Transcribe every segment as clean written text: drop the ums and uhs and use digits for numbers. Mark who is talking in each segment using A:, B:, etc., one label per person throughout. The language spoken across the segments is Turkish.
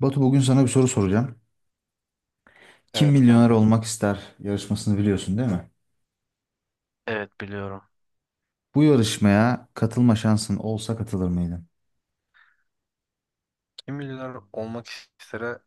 A: Batu, bugün sana bir soru soracağım. Kim
B: Evet
A: Milyoner
B: kanka.
A: Olmak ister yarışmasını biliyorsun değil mi?
B: Evet biliyorum.
A: Bu yarışmaya katılma şansın olsa katılır mıydın?
B: Kim milyoner olmak istere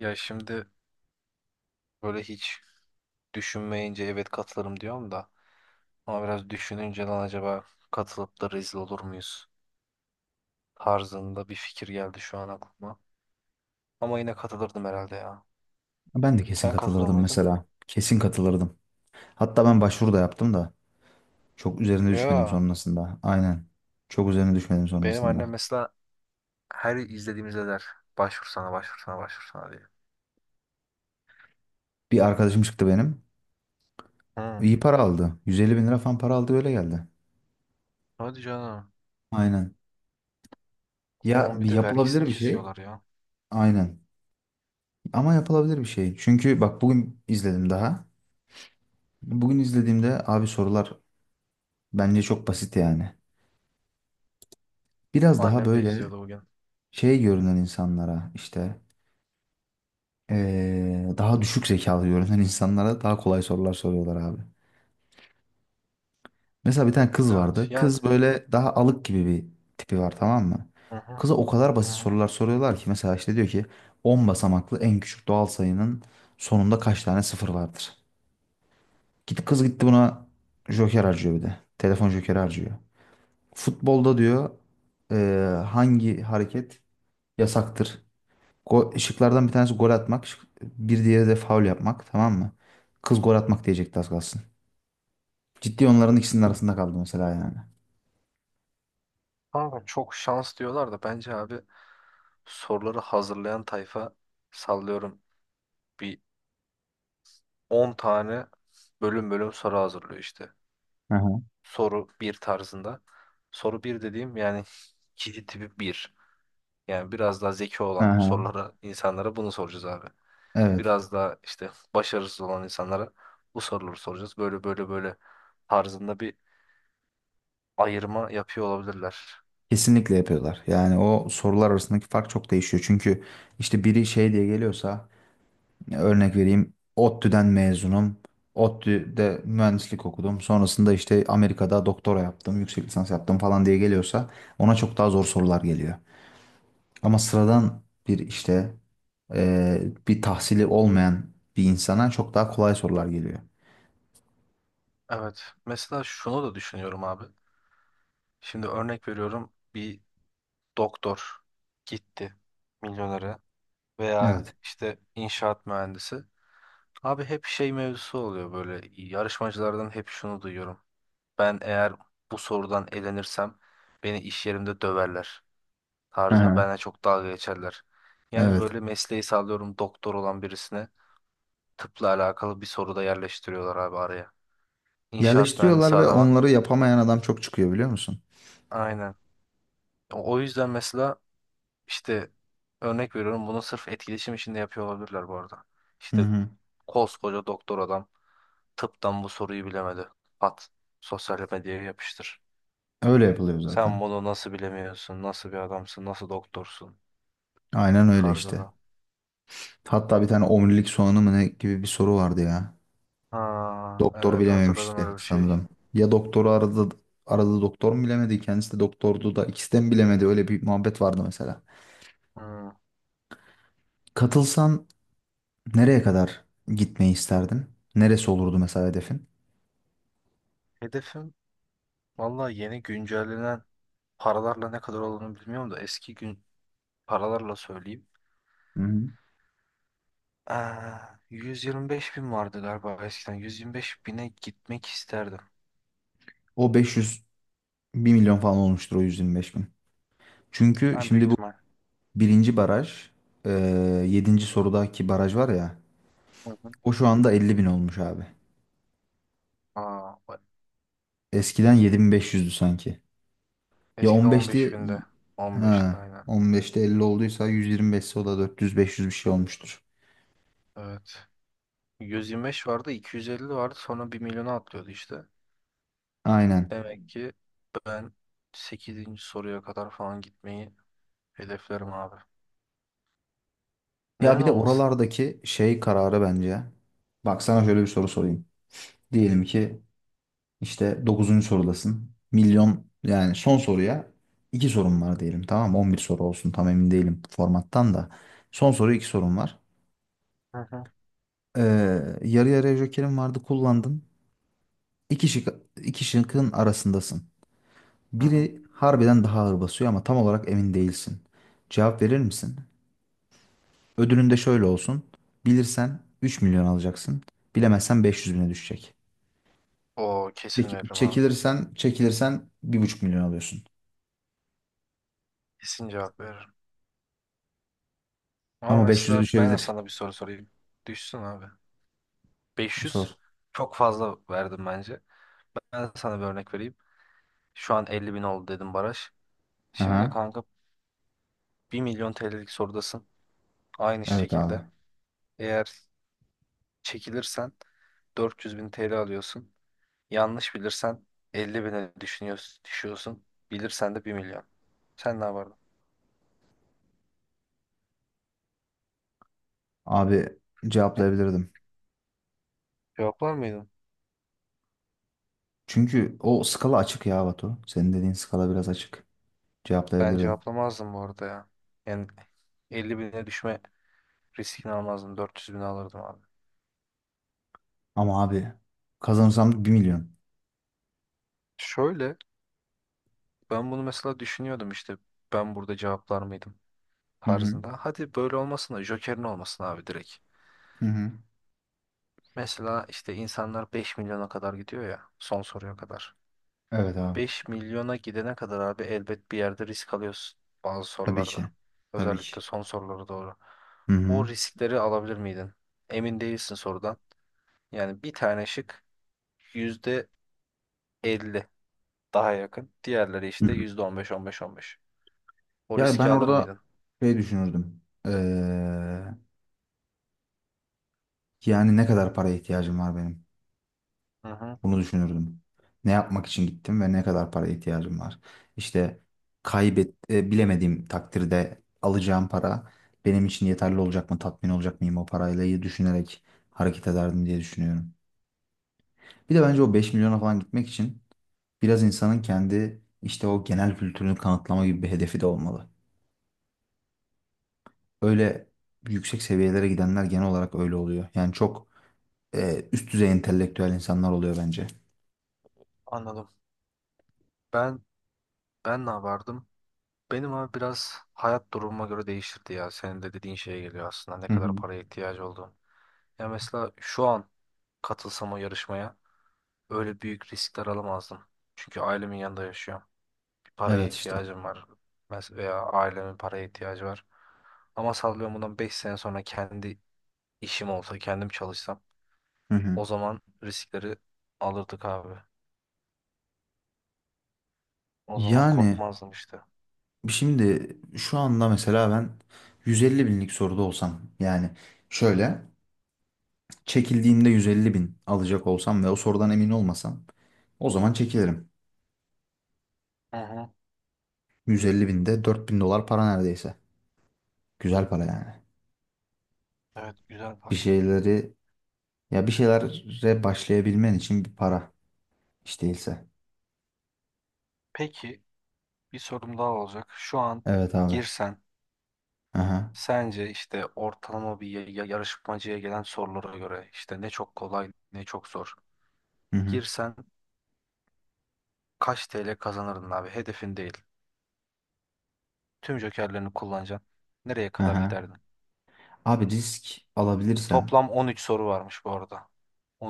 B: ya şimdi böyle hiç düşünmeyince evet katılırım diyorum da ama biraz düşününce lan acaba katılıp da rezil olur muyuz tarzında bir fikir geldi şu an aklıma. Ama yine katılırdım herhalde ya.
A: Ben de kesin
B: Sen katılır
A: katılırdım
B: mıydın?
A: mesela. Kesin katılırdım. Hatta ben başvuru da yaptım da çok üzerine düşmedim
B: Ya
A: sonrasında. Aynen. Çok üzerine düşmedim
B: benim annem
A: sonrasında.
B: mesela her izlediğimizde der başvursana başvursana başvursana diye.
A: Bir arkadaşım çıktı benim.
B: Hı.
A: İyi para aldı. 150 bin lira falan para aldı, öyle geldi.
B: Hadi canım.
A: Aynen.
B: Onun
A: Ya,
B: bir
A: bir
B: de vergisini
A: yapılabilir bir şey.
B: kesiyorlar ya.
A: Aynen. Ama yapılabilir bir şey. Çünkü bak, bugün izledim daha. Bugün izlediğimde abi, sorular bence çok basit yani. Biraz daha
B: Annem de
A: böyle
B: izliyordu bugün.
A: şey görünen insanlara, işte daha düşük zekalı görünen insanlara daha kolay sorular soruyorlar abi. Mesela bir tane kız
B: Evet
A: vardı.
B: ya.
A: Kız böyle daha alık gibi bir tipi var, tamam mı?
B: Hı hı.
A: Kıza o kadar
B: Hı
A: basit
B: hı.
A: sorular soruyorlar ki, mesela işte diyor ki 10 basamaklı en küçük doğal sayının sonunda kaç tane sıfır vardır? Git kız, gitti buna joker harcıyor bir de. Telefon jokeri harcıyor. Futbolda diyor eee, hangi hareket yasaktır? Go şıklardan bir tanesi gol atmak. Bir diğeri de faul yapmak. Tamam mı? Kız gol atmak diyecekti az kalsın. Ciddi onların ikisinin arasında kaldı mesela yani.
B: Kanka çok şans diyorlar da bence abi soruları hazırlayan tayfa sallıyorum bir 10 tane bölüm bölüm soru hazırlıyor işte.
A: Aha.
B: Soru bir tarzında. Soru bir dediğim yani kişi tipi bir yani biraz daha zeki olan
A: Aha.
B: sorulara insanlara bunu soracağız abi.
A: Evet.
B: Biraz daha işte başarısız olan insanlara bu soruları soracağız. Böyle böyle böyle tarzında bir ayırma yapıyor olabilirler.
A: Kesinlikle yapıyorlar. Yani o sorular arasındaki fark çok değişiyor. Çünkü işte biri şey diye geliyorsa, örnek vereyim: ODTÜ'den mezunum. ODTÜ'de mühendislik okudum. Sonrasında işte Amerika'da doktora yaptım, yüksek lisans yaptım falan diye geliyorsa ona çok daha zor sorular geliyor. Ama sıradan bir işte e, bir tahsili olmayan bir insana çok daha kolay sorular geliyor.
B: Evet. Mesela şunu da düşünüyorum abi. Şimdi örnek veriyorum. Bir doktor gitti milyonere veya
A: Evet.
B: işte inşaat mühendisi. Abi hep şey mevzusu oluyor böyle yarışmacılardan hep şunu duyuyorum. Ben eğer bu sorudan elenirsem beni iş yerimde döverler
A: Hı
B: tarzına
A: hı.
B: bana çok dalga geçerler. Yani
A: Evet.
B: böyle mesleği sağlıyorum doktor olan birisine tıpla alakalı bir soru da yerleştiriyorlar abi araya. İnşaat mühendisi
A: Yerleştiriyorlar ve
B: adama.
A: onları yapamayan adam çok çıkıyor, biliyor musun?
B: Aynen. O yüzden mesela işte örnek veriyorum bunu sırf etkileşim için de yapıyor olabilirler bu arada.
A: Hı
B: İşte
A: hı.
B: koskoca doktor adam tıptan bu soruyu bilemedi. At. Sosyal medyaya yapıştır.
A: Öyle yapılıyor
B: Sen
A: zaten.
B: bunu nasıl bilemiyorsun? Nasıl bir adamsın? Nasıl doktorsun?
A: Aynen öyle işte.
B: Tarzında.
A: Hatta bir tane omurilik soğanı mı ne gibi bir soru vardı ya.
B: Ha,
A: Doktor
B: evet hatırladım
A: bilememişti
B: öyle bir şey.
A: sanırım. Ya doktoru aradı, aradı doktor mu bilemedi, kendisi de doktordu da ikisi de mi bilemedi, öyle bir muhabbet vardı mesela.
B: Hmm.
A: Katılsan nereye kadar gitmeyi isterdin? Neresi olurdu mesela hedefin?
B: Hedefim vallahi yeni güncellenen paralarla ne kadar olduğunu bilmiyorum da eski gün paralarla söyleyeyim.
A: Hı hı.
B: Aa, 125 bin vardı galiba eskiden. 125 bine gitmek isterdim.
A: O 500, bir milyon falan olmuştur o 125 bin. Çünkü
B: En büyük
A: şimdi bu
B: ihtimal.
A: birinci baraj, e, 7. sorudaki baraj var ya,
B: Hı hı.
A: o şu anda 50 bin olmuş abi.
B: Aa, bak.
A: Eskiden 7500'dü sanki. Ya,
B: Eskiden 15
A: 15'ti.
B: binde.
A: Ha,
B: 15'te aynen.
A: 15'te 50 olduysa, 125'se o da 400-500 bir şey olmuştur.
B: Evet. 125 vardı, 250 vardı. Sonra bir milyona atlıyordu işte.
A: Aynen.
B: Demek ki ben sekizinci soruya kadar falan gitmeyi hedeflerim abi.
A: Ya,
B: Neden
A: bir de
B: olmasın?
A: oralardaki şey kararı bence. Bak, sana şöyle bir soru sorayım. Diyelim ki İşte dokuzuncu sorudasın. Milyon, yani son soruya iki sorum var diyelim, tamam mı? On bir soru olsun, tam emin değilim formattan da. Son soru, iki sorum var.
B: Hı hı.
A: Ee, yarı yarıya jokerim vardı, kullandın. İki şık, iki şıkkın arasındasın.
B: Hı hı.
A: Biri harbiden daha ağır basıyor ama tam olarak emin değilsin. Cevap verir misin? Ödülün de şöyle olsun: bilirsen 3 milyon alacaksın. Bilemezsen 500 bine düşecek.
B: Oo, kesin veririm abi.
A: Çekilirsen, çekilirsen bir buçuk milyon alıyorsun.
B: Kesin cevap veririm. Ama
A: Ama 500'e
B: mesela ben de
A: düşebilir.
B: sana bir soru sorayım. Düşsün abi. 500
A: Sor.
B: çok fazla verdim bence. Ben de sana bir örnek vereyim. Şu an 50 bin oldu dedim baraj. Şimdi
A: Aha.
B: kanka bir milyon TL'lik sorudasın. Aynı
A: Evet abi.
B: şekilde. Eğer çekilirsen 400 bin TL alıyorsun. Yanlış bilirsen 50 bine düşüyorsun. Bilirsen de bir milyon. Sen ne yapardın?
A: Abi, cevaplayabilirdim.
B: Cevaplar mıydın?
A: Çünkü o skala açık ya Batu. Senin dediğin skala biraz açık.
B: Ben
A: Cevaplayabilirdim.
B: cevaplamazdım bu arada ya. Yani 50 bine düşme riskini almazdım. 400 bine alırdım abi.
A: Ama abi, kazanırsam bir milyon.
B: Şöyle ben bunu mesela düşünüyordum işte. Ben burada cevaplar mıydım
A: Hı hı.
B: tarzında. Hadi böyle olmasın da Joker'in olmasın abi direkt.
A: Hı hı.
B: Mesela işte insanlar 5 milyona kadar gidiyor ya son soruya kadar.
A: Evet abi.
B: 5 milyona gidene kadar abi elbet bir yerde risk alıyorsun bazı
A: Tabii
B: sorularda.
A: ki. Tabii ki.
B: Özellikle son sorulara doğru.
A: Hı hı.
B: O riskleri alabilir miydin? Emin değilsin sorudan. Yani bir tane şık %50 daha yakın. Diğerleri
A: Hı
B: işte
A: hı.
B: %15, 15, 15. O
A: Ya, ben
B: riski alır
A: orada
B: mıydın?
A: şey düşünürdüm. Yani ne kadar paraya ihtiyacım var benim?
B: Hı hı,
A: Bunu düşünürdüm. Ne yapmak için gittim ve ne kadar para ihtiyacım var? İşte kaybet bilemediğim takdirde alacağım para benim için yeterli olacak mı, tatmin olacak mıyım o parayla, iyi düşünerek hareket ederdim diye düşünüyorum. Bir de bence o 5 milyona falan gitmek için biraz insanın kendi işte o genel kültürünü kanıtlama gibi bir hedefi de olmalı. Öyle yüksek seviyelere gidenler genel olarak öyle oluyor. Yani çok üst düzey entelektüel insanlar oluyor bence.
B: anladım. Ben ben ne yapardım? Benim abi biraz hayat durumuma göre değişirdi ya. Senin de dediğin şeye geliyor aslında. Ne
A: Hı
B: kadar
A: hı.
B: paraya ihtiyacı olduğun. Ya mesela şu an katılsam o yarışmaya öyle büyük riskler alamazdım. Çünkü ailemin yanında yaşıyorum. Bir paraya
A: Evet işte.
B: ihtiyacım var. Veya ailemin paraya ihtiyacı var. Ama sallıyorum bundan 5 sene sonra kendi işim olsa, kendim çalışsam
A: Hı hı.
B: o zaman riskleri alırdık abi. O zaman
A: Yani
B: korkmazdım işte.
A: şimdi şu anda mesela ben 150 binlik soruda olsam, yani şöyle, çekildiğinde 150 bin alacak olsam ve o sorudan emin olmasam, o zaman çekilirim.
B: Hı hı.
A: 150 binde 4000 dolar para neredeyse. Güzel para yani.
B: Evet, güzel
A: Bir
B: para.
A: şeyleri, ya bir şeylere başlayabilmen için bir para hiç değilse.
B: Peki bir sorum daha olacak. Şu an
A: Evet abi.
B: girsen
A: Aha.
B: sence işte ortalama bir yarışmacıya gelen sorulara göre işte ne çok kolay ne çok zor.
A: Hı hı.
B: Girsen kaç TL kazanırdın abi? Hedefin değil. Tüm jokerlerini kullanacaksın. Nereye kadar
A: Aha.
B: giderdin?
A: Abi, risk alabilirsem,
B: Toplam 13 soru varmış bu arada.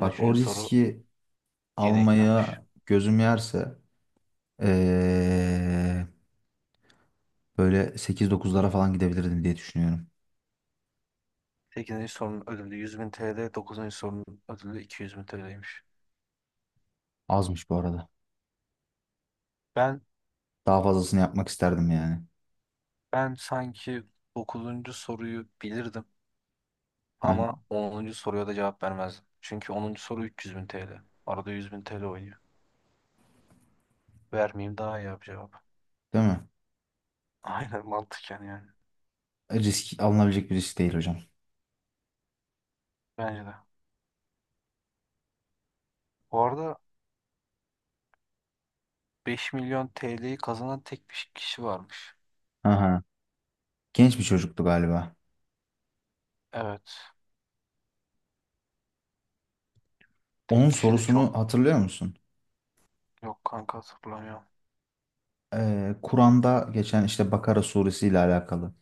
A: bak, o
B: soru
A: riski
B: yeni eklenmiş.
A: almaya gözüm yerse ee, böyle 8-9'lara falan gidebilirdim diye düşünüyorum.
B: 8. sorunun ödülü 100 bin TL, 9. sorunun ödülü 200 bin TL'ymiş.
A: Azmış bu arada.
B: Ben
A: Daha fazlasını yapmak isterdim yani.
B: ben sanki 9. soruyu bilirdim
A: Hı.
B: ama 10. soruya da cevap vermezdim. Çünkü 10. soru 300 bin TL. Arada 100 bin TL oynuyor. Vermeyeyim daha iyi abi cevap.
A: Değil mi?
B: Aynen mantıken yani.
A: Risk alınabilecek bir risk değil hocam.
B: Bence de. Bu arada 5 milyon TL'yi kazanan tek bir kişi varmış.
A: Aha. Genç bir çocuktu galiba.
B: Evet. Tek
A: Onun
B: kişi de çok
A: sorusunu hatırlıyor musun?
B: yok kanka hatırlamıyorum.
A: Kur'an'da geçen işte Bakara suresi ile alakalı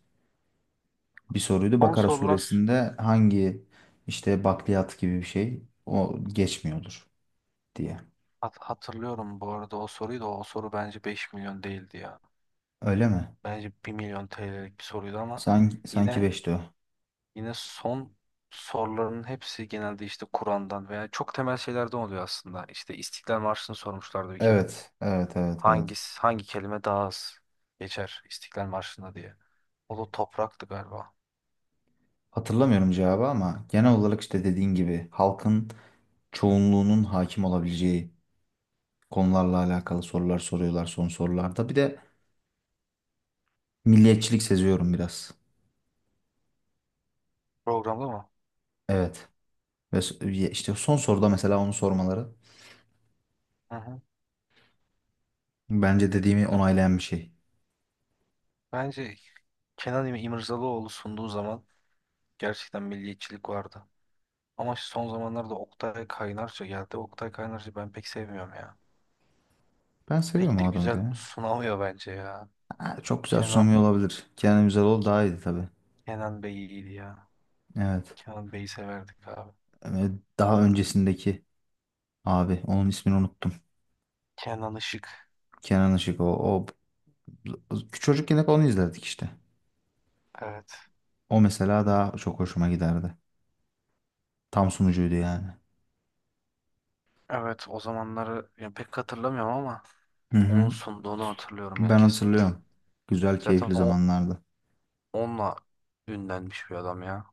A: bir soruydu.
B: Son
A: Bakara
B: sorular
A: suresinde hangi işte bakliyat gibi bir şey o geçmiyordur diye.
B: hatırlıyorum bu arada o soruyu da o soru bence 5 milyon değildi ya.
A: Öyle mi?
B: Bence bir milyon TL'lik bir soruydu ama
A: Sanki, sanki
B: yine
A: beşti o.
B: yine son soruların hepsi genelde işte Kur'an'dan veya çok temel şeylerden oluyor aslında. İşte İstiklal Marşı'nı sormuşlardı bir kere.
A: Evet, evet, evet, evet.
B: Hangi kelime daha az geçer İstiklal Marşı'nda diye. O da topraktı galiba.
A: Hatırlamıyorum cevabı ama genel olarak işte dediğin gibi halkın çoğunluğunun hakim olabileceği konularla alakalı sorular soruyorlar son sorularda. Bir de milliyetçilik seziyorum biraz.
B: Programda mı?
A: Evet. Ve işte son soruda mesela onu sormaları
B: Hı
A: bence dediğimi
B: hı.
A: onaylayan bir şey.
B: Bence Kenan İmirzalıoğlu sunduğu zaman gerçekten milliyetçilik vardı. Ama şu son zamanlarda Oktay Kaynarca geldi. Oktay Kaynarca ben pek sevmiyorum ya.
A: Ben seviyorum
B: Pek de
A: o adamı da
B: güzel
A: ya.
B: sunamıyor bence ya.
A: Ha, çok güzel susamıyor
B: Kenan
A: olabilir. Kenan Üzeroğlu daha iyiydi tabii.
B: Kenan Bey iyiydi ya.
A: Evet.
B: Kenan Bey'i severdik abi.
A: Ee, daha öncesindeki abi onun ismini unuttum.
B: Kenan Işık.
A: Kenan Işık, o, o çocukken hep onu izlerdik işte.
B: Evet.
A: O mesela daha çok hoşuma giderdi. Tam sunucuydu yani.
B: Evet o zamanları ya pek hatırlamıyorum ama
A: Hı
B: onun
A: hı.
B: sunduğunu hatırlıyorum yani
A: Ben
B: kesinlikle.
A: hatırlıyorum. Güzel,
B: Zaten
A: keyifli
B: o
A: zamanlardı.
B: onunla ünlenmiş bir adam ya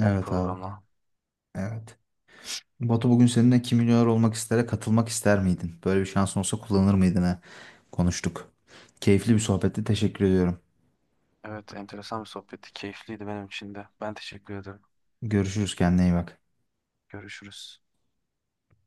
B: o
A: Evet abi.
B: programla.
A: Evet. Batu, bugün seninle Kim Milyoner Olmak istere katılmak ister miydin, böyle bir şansın olsa kullanır mıydın, ha? Konuştuk. Keyifli bir sohbetti. Teşekkür ediyorum.
B: Evet, enteresan bir sohbetti. Keyifliydi benim için de. Ben teşekkür ederim.
A: Görüşürüz. Kendine iyi bak.
B: Görüşürüz.